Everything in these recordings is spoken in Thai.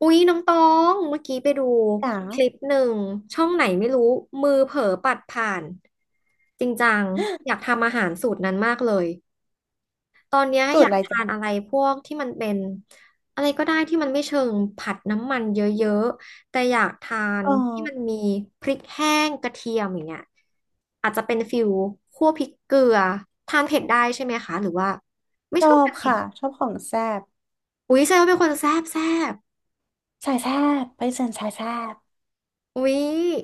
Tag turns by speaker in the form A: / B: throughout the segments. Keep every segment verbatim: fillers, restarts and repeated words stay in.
A: อุ๊ยน้องตองเมื่อกี้ไปดู
B: จ๋า
A: คลิปหนึ่งช่องไหนไม่รู้มือเผลอปัดผ่านจริงจังอยากทำอาหารสูตรนั้นมากเลยตอนเนี้ย
B: จู
A: อ
B: ด
A: ยา
B: อะ
A: ก
B: ไร
A: ทาน
B: จ๋า
A: อะไรพวกที่มันเป็นอะไรก็ได้ที่มันไม่เชิงผัดน้ำมันเยอะๆแต่อยากทาน
B: อ๋อ
A: ที่มันมีพริกแห้งกระเทียมอย่างเงี้ยอาจจะเป็นฟิลคั่วพริกเกลือทานเผ็ดได้ใช่ไหมคะหรือว่าไม่
B: ช
A: ช
B: อ
A: อบ
B: บ
A: ทานเผ็ด
B: ค่ะชอบของแซ่บ
A: อุ๊ยแซวาเป็นคนแซ่บแซ่บ
B: สายแซ่บไปเซิร์นสายแซ่บ
A: อุ๊ย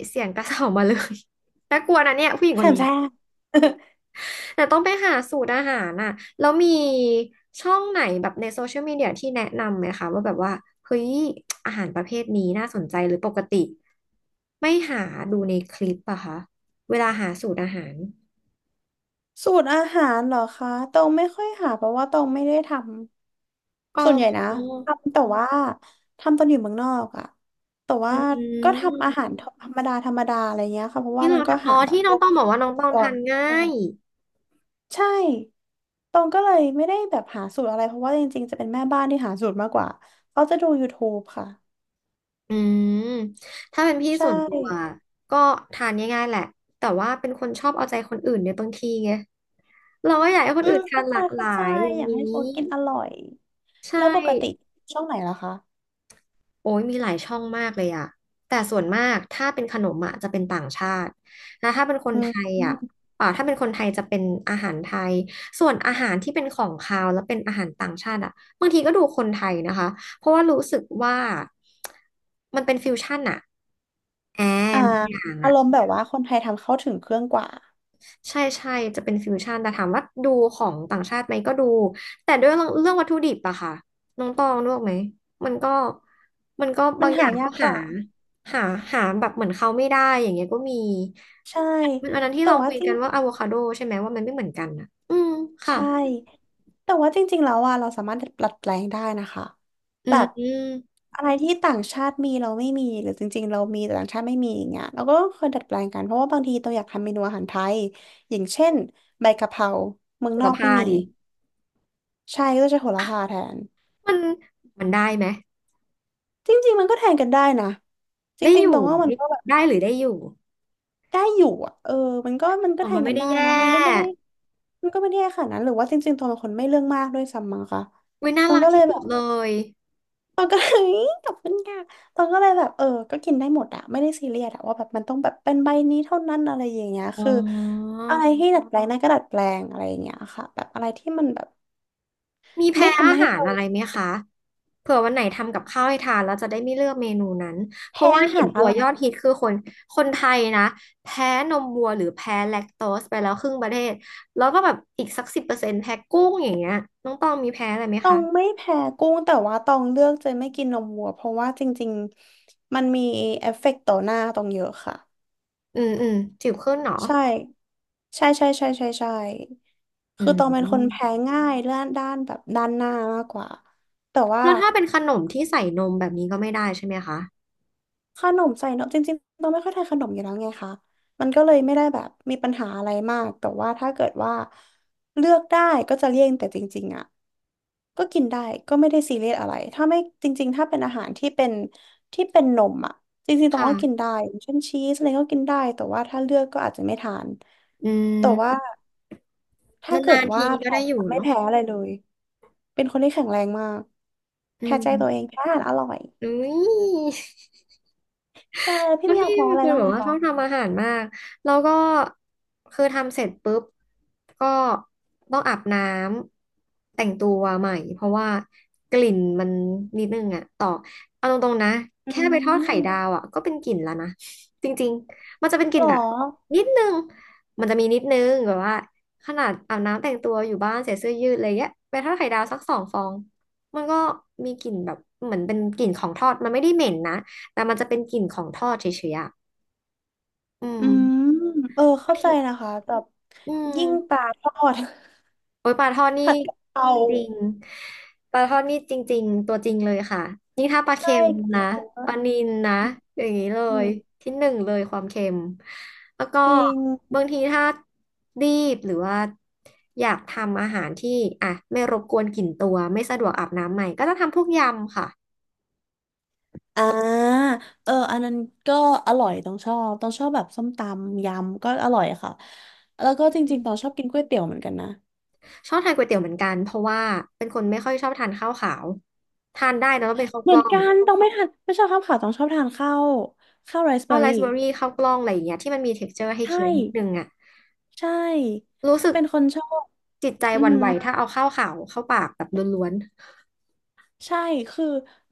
A: เสียงกระเสอบมาเลย น่ากลัวนะเนี่ยผู้หญิงค
B: แซ่
A: น
B: บ
A: นี้
B: แซ่บ
A: แต่ต้องไปหาสูตรอาหารน่ะแล้วมีช่องไหนแบบในโซเชียลมีเดียที่แนะนำไหมคะว่าแบบว่าเฮ้ยอาหารประเภทนี้น่าสนใจหรือปกติไม่หาดูในคลิปอะคะเวลาหาสูตรอาหาร
B: สูตรอาหารเหรอคะตองไม่ค่อยหาเพราะว่าตองไม่ได้ท
A: อ๋
B: ำส่วนใหญ่
A: อ
B: นะทำแต่ว่าทำตอนอยู่เมืองนอกอะแต่ว่า
A: อื
B: ก็ทำอา
A: ม
B: หารธรรมดาธรรมดาอะไรเงี้ยค่ะเพราะว่า
A: ที่
B: มั
A: เรา
B: นก็
A: ทำอ๋
B: หา
A: อ
B: แบบ
A: ที่
B: พ
A: น้อ
B: ว
A: ง
B: ก
A: ต้องบอกว่าน้อ
B: อุ
A: ง
B: ป
A: ต้อง
B: กร
A: ทาน
B: ณ์
A: ง่า
B: มาก
A: ย
B: ใช่ตองก็เลยไม่ได้แบบหาสูตรอะไรเพราะว่าจริงๆจะเป็นแม่บ้านที่หาสูตรมากกว่าเขาจะดู YouTube ค่ะ
A: อืมถ้าเป็นพี่
B: ใช่
A: ส่วนตัวก็ทานง่ายๆแหละแต่ว่าเป็นคนชอบเอาใจคนอื่นเน่บางทีไงเราก็อยากให้ค
B: อื
A: นอื่
B: ม
A: นทา
B: เข้า
A: นห
B: ใจ
A: ลากห
B: เข้า
A: ลา
B: ใจ
A: ยอย่าง
B: อยาก
A: นี้
B: ให้เขากินอร่อย
A: ใช่
B: แล้วปกติช่องไหนล่ะคะ
A: โอ้ยมีหลายช่องมากเลยอะแต่ส่วนมากถ้าเป็นขนมอะจะเป็นต่างชาตินะถ้าเป็นคน
B: อื
A: ไท
B: ม
A: ย
B: อ
A: อะ
B: ม
A: อ่าถ้าเป็นคนไทยจะเป็นอาหารไทยส่วนอาหารที่เป็นของคาวแล้วเป็นอาหารต่างชาติอะบางทีก็ดูคนไทยนะคะเพราะว่ารู้สึกว่ามันเป็นฟิวชั่นอะแอ
B: อ่า
A: มอย่าง
B: อา
A: อะ
B: รมณ์แบบว่าคนไทยทำเข้าถึงเครื่องกว่า
A: ใช่ใช่จะเป็นฟิวชั่นแต่ถามว่าดูของต่างชาติไหมก็ดูแต่ด้วยเรื่องเรื่องวัตถุดิบอะค่ะน้องตองรู้ไหมมันก็มันก็
B: มั
A: บา
B: น
A: งอ
B: หา
A: ย่าง
B: ยา
A: ก็
B: กก
A: หา
B: ว่า
A: หาหาแบบเหมือนเขาไม่ได้อย่างเงี้ยก็มี
B: ใช่
A: วันนั้นที่
B: แต่
A: เรา
B: ว่า
A: คุย
B: จริ
A: กั
B: ง
A: นว่าอะโวคาโดใช่ไหมว่ามันไม่เหมือนกันอะอืมค่ะ
B: ใช่แต่ว่าจริงๆแล้วอ่ะเราสามารถดัดแปลงได้นะคะ
A: อื
B: แบ
A: ม
B: บ
A: อืม
B: อะไรที่ต่างชาติมีเราไม่มีหรือจริงๆเรามีแต่ต่างชาติไม่มีอย่างเงี้ยเราก็เคยดัดแปลงกันเพราะว่าบางทีตัวอยากทำเมนูอาหารไทยอย่างเช่นใบกะเพราเมือง
A: โล
B: น
A: ร
B: อกไม่
A: พา
B: มี
A: ดิ
B: ใช่ก็จะใช้โหระพาแทน
A: มันมันได้ไหม
B: จริงๆมันก็แทนกันได้นะจ
A: ได้
B: ริ
A: อ
B: งๆ
A: ยู่
B: ตรงว่ามันก็แบบ
A: ได้ได้หรือได้อยู่
B: ได้อยู่อ่ะเออมันก็มันก็
A: อ๋อ
B: แท
A: มัน
B: น
A: ไม่
B: กัน
A: ได้
B: ได้
A: แย่
B: นะมันก็ไม่ได้มันก็ไม่ได้ขนาดนั้นหรือว่าจริงๆตรงเป็นคนไม่เรื่องมากด้วยซ้ำมั้งคะ
A: เว้ยน่า
B: ตรง
A: รัก
B: ก็เล
A: ที่
B: ย
A: สุ
B: แบ
A: ด
B: บ
A: เลย
B: ตรงก็ เลย ขอบคุณค่ะตรงก็เลยแบบเออก็กินได้หมดอ่ะไม่ได้ซีเรียสอ่ะว่าแบบมันต้องแบบเป็นใบนี้เท่านั้นอะไรอย่างเงี้ย
A: อ๋
B: คือ
A: อ
B: อะไรที่ดัดแปลงได้ก็ดัดแปลงอะไรอย่างเงี้ยค่ะแบบอะไรที่มันแบบ
A: มีแพ้
B: ไม่
A: อา
B: ทำให้
A: หาร
B: เรา
A: อะไรไหมคะเผื่อวันไหนทำกับข้าวให้ทานแล้วจะได้ไม่เลือกเมนูนั้น เพราะ
B: แพ้
A: ว่า
B: อา
A: เห็
B: หา
A: น
B: รอ
A: ตัว
B: ร่อ
A: ย
B: ย
A: อดฮิตคือคนคนไทยนะแพ้นมวัวหรือแพ้แลคโตสไปแล้วครึ่งประเทศ แล้วก็แบบอีกสักสิบเปอร์เซ็นต์แพ้กุ้งอย่างเงี้ยน้องตองมีแพ้อะไรไหม
B: ตอ
A: คะ
B: งไม่แพ้กุ้งแต่ว่าตองเลือกจะไม่กินนมวัวเพราะว่าจริงๆมันมีเอฟเฟกต์ต่อหน้าตองเยอะค่ะ
A: อืมอืมจิ๋วขึ้นเหรอ
B: ใช่ใช่ใช่ใช่ใช่ใช่
A: อื
B: คือตองเป็นคน
A: ม
B: แพ้ง่ายเรื่องด้านแบบด้านหน้ามากกว่าแต่ว่า
A: แล้วถ้าเป็นขนมที่ใส่นมแบบนี้ก็ไม่ได้ใช่ไหมคะ
B: ขนมใส่นมจริงๆเราไม่ค่อยทานขนมอยู่แล้วไงคะมันก็เลยไม่ได้แบบมีปัญหาอะไรมากแต่ว่าถ้าเกิดว่าเลือกได้ก็จะเลี่ยงแต่จริงๆอ่ะก็กินได้ก็ไม่ได้ซีเรียสอะไรถ้าไม่จริงๆถ้าเป็นอาหารที่เป็นที่เป็นนมอ่ะจริงๆต้องก็กิน
A: ค่ะ
B: ได้อย่างเช่นชีสอะไรก็กินได้แต่ว่าถ้าเลือกก็อาจจะไม่ทาน
A: อื
B: แต่ว่า
A: มน
B: ถ้าเกิ
A: า
B: ด
A: นๆ
B: ว่า
A: ทีก็
B: แพ้
A: ได้อยู่
B: ไม่
A: เนาะ
B: แพ้อะไรเลยเป็นคนที่แข็งแรงมาก
A: อื
B: แพ้ใจตัวเอง
A: ม
B: แพ้อาหารอร่อย
A: อุ้ย
B: ใช่แล้วพี่
A: แล้ว
B: มีอยาก
A: พี่
B: แพ้
A: มั
B: อะ
A: น
B: ไร
A: เป็น
B: บ้าง
A: แบ
B: ไห
A: บ
B: ม
A: ว่าช
B: คะ
A: อบทำอาหารมากแล้วก็คือทำเสร็จปุ๊บก็ต้องอาบน้ำแต่งตัวใหม่เพราะว่ากลิ่นมันนิดนึงอะต่อเอาตรงๆนะ
B: อื
A: แค่ไปทอดไข่ดาว
B: ม
A: อะก็เป็นกลิ่นแล้วนะจริงๆมันจะเป็นก
B: หร
A: ลิ่น
B: อ
A: แบบนิดนึงมันจะมีนิดนึงแบบว่าขนาดอาบน้ำแต่งตัวอยู่บ้านใส่เสื้อยืดอะไรเงี้ยไปทอดไข่ดาวสักสองฟองมันก็มีกลิ่นแบบเหมือนเป็นกลิ่นของทอดมันไม่ได้เหม็นนะ แต่มันจะเป็นกลิ่นของทอดเฉยๆอะอื
B: อื
A: ม
B: มเออ
A: บา
B: เข้า
A: ง
B: ใจ
A: ที
B: นะคะแบบ
A: อื
B: ยิ่งปลา
A: ม
B: ทอด
A: โอ๊ยปลาทอด นี่
B: ผัดกะเพรา
A: จริงๆปลาทอดนี่จริงๆ ตัวจริงเลยค่ะนี่ถ้าปลา
B: ใช่
A: เค็ม
B: กะ
A: นะ
B: เพรา
A: ป
B: อะ
A: ลานิลนะอย่างนี้เล
B: อื
A: ย
B: ม
A: ที่หนึ่งเลยความเค็มแล้วก็
B: จริง
A: บางทีถ้ารีบหรือว่าอยากทำอาหารที่อ่ะไม่รบกวนกลิ่นตัวไม่สะดวกอาบน้ำใหม่ก็จะทำพวกยำค่ะ
B: อ่าเอออันนั้นก็อร่อยต้องชอบ ต้องชอบแบบส้มตำยำก็อร่อยค่ะ แล้วก็จริงๆต้องชอบกินก๋วยเตี๋ยวเหมือนกันนะ
A: ชอบทานก๋วยเตี๋ยวเหมือนกันเพราะว่าเป็นคนไม่ค่อยชอบทานข้าวขาวทานได้นะต้องเป็นข้าว
B: เห
A: ก
B: มือ
A: ล้
B: น
A: อง
B: กัน ต้องไม่ทานไม่ชอบข้าวขาวต้องชอบทานข้าวข้าวไรซ์เบอ
A: ข้าว
B: ร์
A: ไร
B: รี่
A: ซ์เบอร์รี่ข้าวกล้องอะไรอย่างเงี้ยที่มันมี texture ให้
B: ใช่
A: เคี้ยวนิดนึงอ่ะ
B: ใช่
A: รู้สึก
B: เป็นคนชอบ
A: จิตใจ
B: อื
A: ห
B: อ
A: วั่น
B: หือ
A: ไหวถ้าเอาข้าวขาวเข้าปากแบบล้วน
B: ใช่ คือ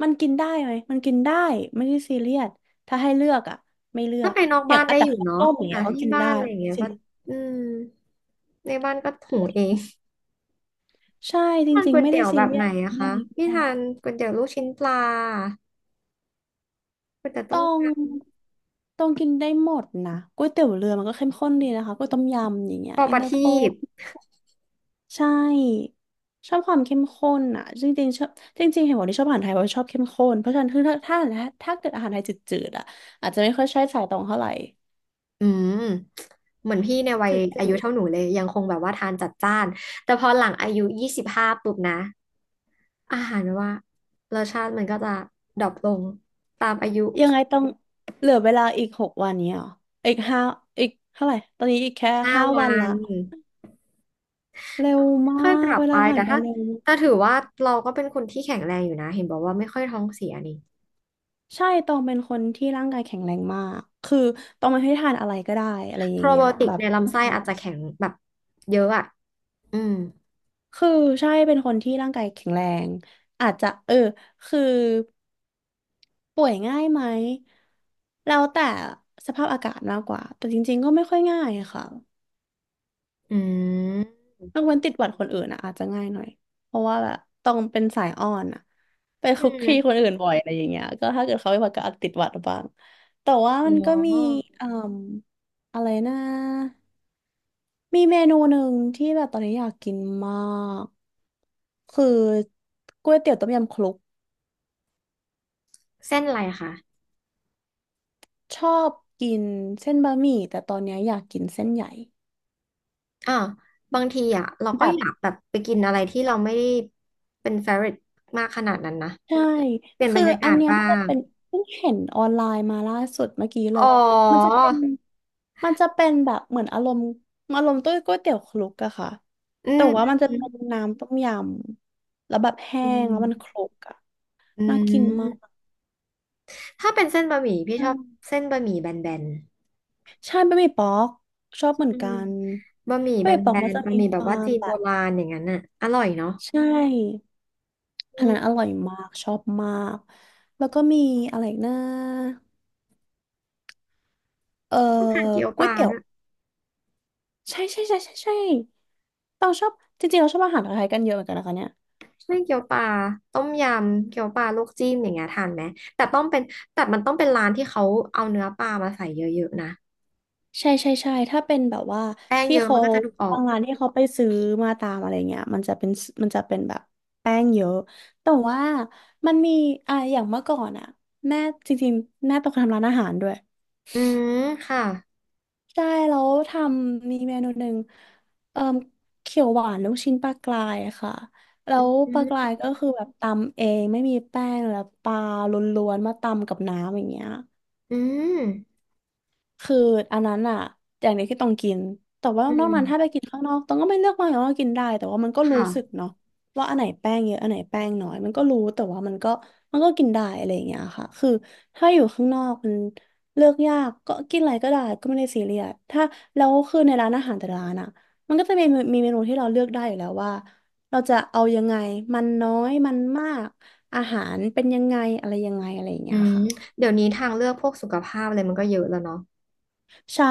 B: มันกินได้ไหมมันกินได้ไม่ได้ซีเรียสถ้าให้เลือกอ่ะไม่เลื
A: ๆ
B: อ
A: ถ้า
B: ก
A: ไปนอก
B: อย่า
A: บ้า
B: ง
A: น
B: อ่ะ
A: ได้
B: แต่
A: อยู่
B: ข้าว
A: เนาะ
B: ต้มอย่าง
A: อ่ะ
B: เงี้ยก็
A: ที่
B: กิน
A: บ้า
B: ได้
A: นอะไรอย่าง
B: ไม่
A: เงี้
B: ได้
A: ย
B: ซี
A: ก็
B: เรียส
A: อืมในบ้านก็หุงเอง
B: ใช่จ
A: มัน
B: ริ
A: ก๋
B: ง
A: ว
B: ๆ
A: ย
B: ไม่
A: เตี๋
B: ได้
A: ยว
B: ซี
A: แบบ
B: เรีย
A: ไหน
B: ส
A: อะ
B: เรื่อ
A: คะ
B: งนี้ก็
A: พี่ทา
B: ไ
A: นก๋วยเตี๋ยวลูกชิ้นปลาก๋วยเตี๋ยว
B: ด้
A: ต้
B: ต้
A: ม
B: อง
A: ย
B: ต้องกินได้หมดนะก๋วยเตี๋ยวเรือมันก็เข้มข้นดีนะคะก๋วยต้มยำอย่างเงี้
A: ำ
B: ย
A: ปอ
B: อิ
A: ป
B: น
A: ระ
B: เตอร์โฟ
A: ทีป
B: ใช่ชอบความเข้มข้นอ่ะจริงๆชอบจริงๆเห็นบอกที่ชอบอาหารไทยเพราะชอบเข้มข้นเพราะฉะนั้นคือถ้าถ้าถ้าเกิดอาหารไทยจืดๆอ่ะอาจจะไม่ค่อยใช่สายตรงเท่าไหร่
A: อืมเหมือนพี่ในวั
B: จ
A: ยอา
B: ื
A: ยุ
B: ด
A: เท่าห
B: ๆ
A: นูเลยยังคงแบบว่าทานจัดจ้านแต่พอหลังอายุยี่สิบห้าปุ๊บนะ อาหารแบบว่ารสชาติมันก็จะดรอปลงตามอายุ
B: ยังไงต้องเหลือเวลาอีกหกวันเนี้ยเหรออีกห้าอีกเท่าไหร่ตอนนี้อีกแค่
A: ห้า
B: ห้า
A: วั
B: วันละ
A: น
B: เร็วมา
A: ค่อยๆป
B: ก
A: รับ
B: เว
A: ไป
B: ลาผ่า
A: แต่
B: นไป
A: ถ้า
B: เร็ว
A: ถ้าถือว่าเราก็เป็นคนที่แข็งแรงอยู่นะเห็นบอกว่าไม่ค่อยท้องเสียนี่
B: ใช่ตองเป็นคนที่ร่างกายแข็งแรงมากคือตองไม่ให้ทานอะไรก็ได้อะไรอ
A: โป
B: ย่า
A: ร
B: ง
A: ไบ
B: เงี้ย
A: โอติก
B: แบบ
A: ในลำไส้
B: ใช่
A: อาจจะแข็งแบบเยอะอ่ะอืม
B: คือใช่เป็นคนที่ร่างกายแข็งแรงอาจจะเออคือป่วยง่ายไหมแล้วแต่สภาพอากาศมากกว่าแต่จริงๆก็ไม่ค่อยง่ายอะค่ะ
A: อืม
B: ยกเว้นติดหวัดคนอื่นอ่ะอาจจะง่ายหน่อยเพราะว่าแบบต้องเป็นสายอ้อนอ่ะไป
A: อื
B: คุก
A: ม
B: คีคนอื่นบ่อยอะไรอย่างเงี้ยก็ถ้าเกิดเขาเป็นหวัดก็อาจติดหวัดบ้างแต่ว่า
A: อ
B: มันก็มี
A: ๋อ
B: อ่มอะไรนะมีเมนูหนึ่งที่แบบตอนนี้อยากกินมากคือก๋วยเตี๋ยวต้มยำคลุก
A: เส้นอะไรคะ
B: ชอบกินเส้นบะหมี่แต่ตอนนี้อยากกินเส้นใหญ่
A: อ่าวบางทีอ่ะเรา
B: แบ
A: ก็
B: บ
A: อยากแบบไปกินอะไรที่เราไม่ได้เป็นเฟ v o r ร t ตมากขนาดนั้นนะ
B: ใช่
A: เปลี่ยนบ
B: คื
A: ร
B: อ
A: รยากา
B: อัน
A: ศ
B: เนี้ย
A: บ้า
B: มันจะ
A: ง
B: เป็นเพิ่งเห็นออนไลน์มาล่าสุดเมื่อกี้เล
A: อ๋อ
B: ยมันจะเป็นมันจะเป็นแบบเหมือนอารมณ์อารมณ์ต้วยก๋วยเตี๋ยวคลุกอะค่ะ
A: อื
B: แต่
A: ม
B: ว่ามันจะ
A: อ
B: เป็นน้ำต้มยำแล้วแบบแห้
A: ื
B: งแล้วมันค
A: ม
B: ลุกอะ
A: อื
B: น่ากินมาก
A: มถ้าเป็นเส้นบะหมี่พี่
B: ใช
A: ชอบ
B: ่
A: เส้นบะหมี่แบน
B: ใช่บะหมี่ป๊อกชอบเหมื
A: ๆ
B: อ
A: อื
B: นกั
A: ม
B: น
A: บะหมี่
B: บะ
A: แบ
B: หมี่ป๊อกมัน
A: น
B: จะ
A: ๆบะ
B: มี
A: หมี่
B: ค
A: แบบ
B: วา
A: ว่า
B: ม
A: จีน
B: แบ
A: โบ
B: บ
A: ราณอย่างนั้นน่ะอร่อยเนาะ
B: ใช่อั
A: อื
B: นนั้นอ
A: ม
B: ร่อยมากชอบมาก แล้วก็มีอะไรอีกนะเอ่อ
A: ทานเกี๊ยวป
B: ก๋วย
A: ลา
B: เตี๋ยว
A: ด้วย
B: ใช่ใช่ใช่ใช่ใช่เราชอบจริงๆเราชอบอาหารไทยกันเยอะเหมือนกันนะคะเนี่ย
A: ใช่เกี๊ยวปลาต้มยำเกี๊ยวปลาลวกจิ้มอย่างเงี้ยทานไหมแต่ต้องเป็นแต่มันต้องเป็นร้านที่เขาเอาเนื้อปลามาใส่เยอะๆนะ
B: ใช่ใช่ใช่ถ้าเป็นแบบว่า
A: แป้ง
B: ที่
A: เยอะมั
B: เขา
A: นก็จะดูออ
B: บา
A: ก
B: งร้านที่เขาไปซื้อมาตามอะไรเงี้ยมันจะเป็นมันจะเป็นแบบแป้งเยอะแต่ว่ามันมีอ่ะอย่างเมื่อก่อนอ่ะแม่จริงๆแม่ต้องทำร้านอาหารด้วย
A: อืมค่ะ
B: ใช่แล้วทำมีเมนูหนึ่งเอ่อเขียวหวานลูกชิ้นปลากรายค่ะแล้วปลากรา
A: อืม
B: ยก็คือแบบตำเองไม่มีแป้งแล้วปลาล้วนๆมาตำกับน้ำอย่างเงี้ย
A: อืม
B: คืออันนั้นอะอย่างเดียวที่ต้องกิน แต่ว่า
A: อื
B: นอก
A: ม
B: นั้นถ้าไปกินข้างนอกต้องก็ไม่เลือกมากหนางว่ากินได้ แต่ว่ามันก็
A: ค
B: รู้สึก
A: ่ะ
B: เนาะว่าอันไหนแป้งเยอะอันไหนแป้งน้อยมันก็รู้แต่ว่ามันก็มันก็กินได้อะไรอย่างเงี้ยค่ะ คือถ้าอยู่ข้างนอกมันเลือกยากก็กินอะไรก็ได้ก็ไม่ได้ซีเรียสถ้าแล้วคือในร้านอาหารแต่ละร้านอะมันก็จะมีมีเมนูที่เราเลือกได้อยู่แล้วว่าเราจะเอายังไงมันน้อยมันมากอาหารเป็นยังไงอะไรยังไงอะไรอย่าง
A: อื
B: เงี้ย
A: ม
B: ค่ะ
A: เดี๋ยวนี้ทางเลือกพวกสุขภาพอะไรมันก็เยอะแล้วเนาะ
B: ใช่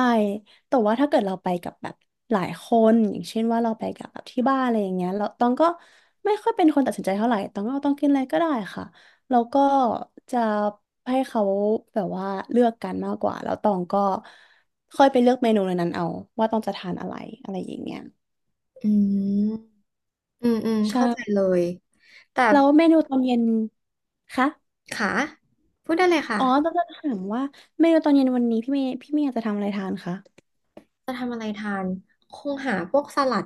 B: แต่ว่าถ้าเกิดเราไปกับแบบหลายคนอย่างเช่นว่าเราไปกับแบบที่บ้านอะไรอย่างเงี้ยเราตองก็ไม่ค่อยเป็นคนตัดสินใจเท่าไหร่ตองก็เอาต้องกินอะไรก็ได้ค่ะแล้วก็จะให้เขาแบบว่าเลือกกันมากกว่าแล้วตองก็ค่อยไปเลือกเมนูในนั้นเอาว่าต้องจะทานอะไรอะไรอย่างเงี้ย
A: อืม อืม อืม
B: ใช่
A: เข้าใจเลย แต่
B: แล้วเมนูตอนเย็นคะ
A: ค่ะพูดได้เลยค่ะ
B: อ๋อต้องจะถามว่าเมนูตอนเย็นวันนี้พี่เมย์พี่เมย์จะทำอะไรทานคะ
A: จะทำอะไรทาน คงหาพวกสลัด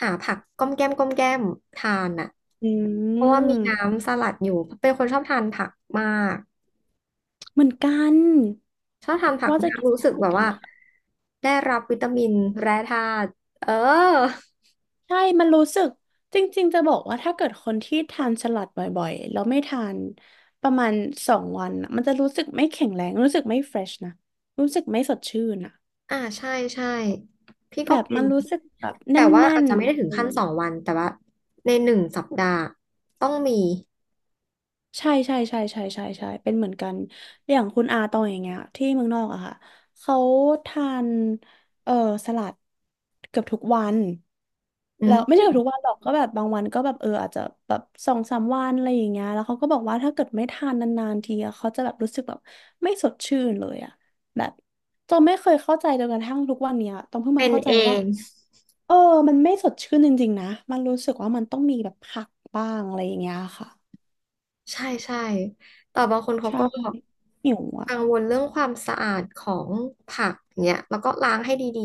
A: หาผักก้อมแก้มก้อมแก้มทานอ่ะ
B: อื
A: เพราะว่ามี
B: ม
A: น้ำสลัดอยู่ เป็นคนชอบทานผักมาก
B: เหมือนกัน
A: ชอบทานผัก
B: ว่าจะ
A: มาก
B: กินส
A: รู้
B: ลั
A: สึ
B: ด
A: ก
B: เหมือ
A: แบ
B: น
A: บ
B: กัน
A: ว่า
B: ค่ะ
A: ได้รับวิตามินแร่ธาตุเออ
B: ใช่มันรู้สึกจริงๆจะบอกว่าถ้าเกิดคนที่ทานสลัดบ่อยๆแล้วไม่ทานประมาณสองวันน่ะมันจะรู้สึกไม่แข็งแรงรู้สึกไม่เฟรชนะรู้สึกไม่สดชื่นอะ
A: อ่าใช่ใช่พี่
B: แบ
A: ก็
B: บ
A: เป็
B: มั
A: น
B: นรู้สึกแบบแน
A: แต่ว่า
B: ่
A: อาจ
B: น
A: จะไม่ได้
B: ๆอะ
A: ถึง
B: ไรอ
A: ขั้น
B: ย่าง
A: ส
B: เงี้
A: อ
B: ย
A: งวัน แต่ว่าในหนึ่งสัปดาห์ต้องมี
B: ใช่ใช่ใช่ใช่ใช่ใช่เป็นเหมือนกันอย่างคุณอาตองอย่างเงี้ยที่เมืองนอกอะค่ะเขาทานเออสลัดเกือบทุกวัน แล้วไม่ใช่
A: อื
B: กับทุกวันหรอกก็แบบบางวันก็แบบเอออาจจะแบบสองสามวันอะไรอย่างเงี้ยแล้วเขาก็บอกว่าถ้าเกิดไม่ทานนานๆทีอะเขาจะแบบรู้สึกแบบไม่สดชื่นเลยอะแบบจนไม่เคยเข้าใจจนกระทั่งทุกวันเนี้ยต้องเพิ่ง
A: เป็
B: มา
A: น
B: เข้าใจ
A: เอ
B: ว่า
A: ง
B: เออมันไม่สดชื่นจริงๆนะมันรู้สึกว่ามันต้องมีแบบผักบ้างอะไรอย่างเงี้ยค่ะ
A: ใช่ใช่แต่บางคนเขา
B: ใช่
A: ก็
B: หิวอ่ะ
A: กังวลเรื่องความสะอาดของผักเนี่ยแล้วก็ล้างให้ดี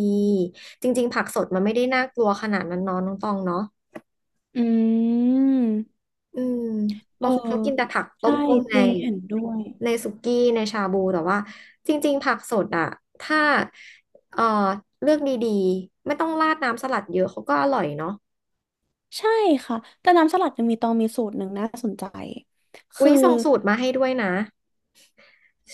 A: ๆจริงๆผักสดมันไม่ได้น่ากลัวขนาดนั้นเน้องน้องตองเนาะ
B: อืม
A: อืม
B: เอ
A: บาง
B: อ
A: คนเขากินแต่ผักต
B: ใช่
A: ้มๆใน
B: จริงเห็นด้วย
A: ในสุกี้ในชาบูแต่ว่าจริงๆผักสดอะถ้าเอ่อเลือกดีๆไม่ต้องราดน้ำสลัดเยอะเขาก็อร่อยเนาะ
B: ใช่ค่ะแต่น้ำสลัดยังมีตองมีสูตรหนึ่งน่าสนใจ
A: อุ๊
B: คือ
A: ยส่งสูตรมาให้ด้วยนะ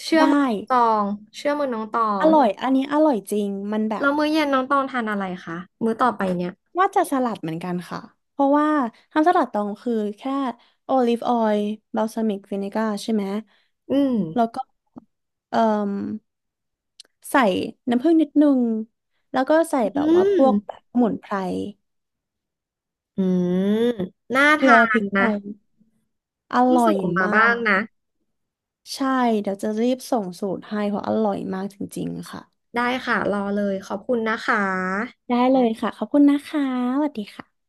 A: เชื่อ
B: ได้
A: มือน้องตองเชื่อมือน้องตอ
B: อ
A: ง
B: ร่อยอันนี้อร่อยจริง มันแบ
A: แล้
B: บ
A: วมื้อเย็นน้องตองทานอะไรคะมื้อต่อไปเนี่ย
B: ว่าจะสลัดเหมือนกันค่ะ เพราะว่าทำสลัดตองคือแค่โอลิฟออยล์บาลซามิกวินิก้าใช่ไหม
A: อืม
B: แล้วก็เอ่มใส่น้ำผึ้งนิดนึงแล้วก็ใส่
A: อื
B: แบบว่าพ
A: ม
B: วกแบบสมุนไพร
A: อืมน่า
B: เกลื
A: ทา
B: อพริ
A: น
B: กไท
A: นะ
B: ยอ
A: ต้อง
B: ร่อ
A: ส่
B: ย
A: งมา
B: มา
A: บ้าง
B: ก
A: นะ
B: ใช่เดี๋ยวจะรีบส่งสูตรให้เพราะอร่อยมากจริงๆค่ะ
A: ได้ค่ะรอเลยขอบคุณนะคะ
B: ได้เลยค่ะขอบคุณนะคะสวัสดีค่ะ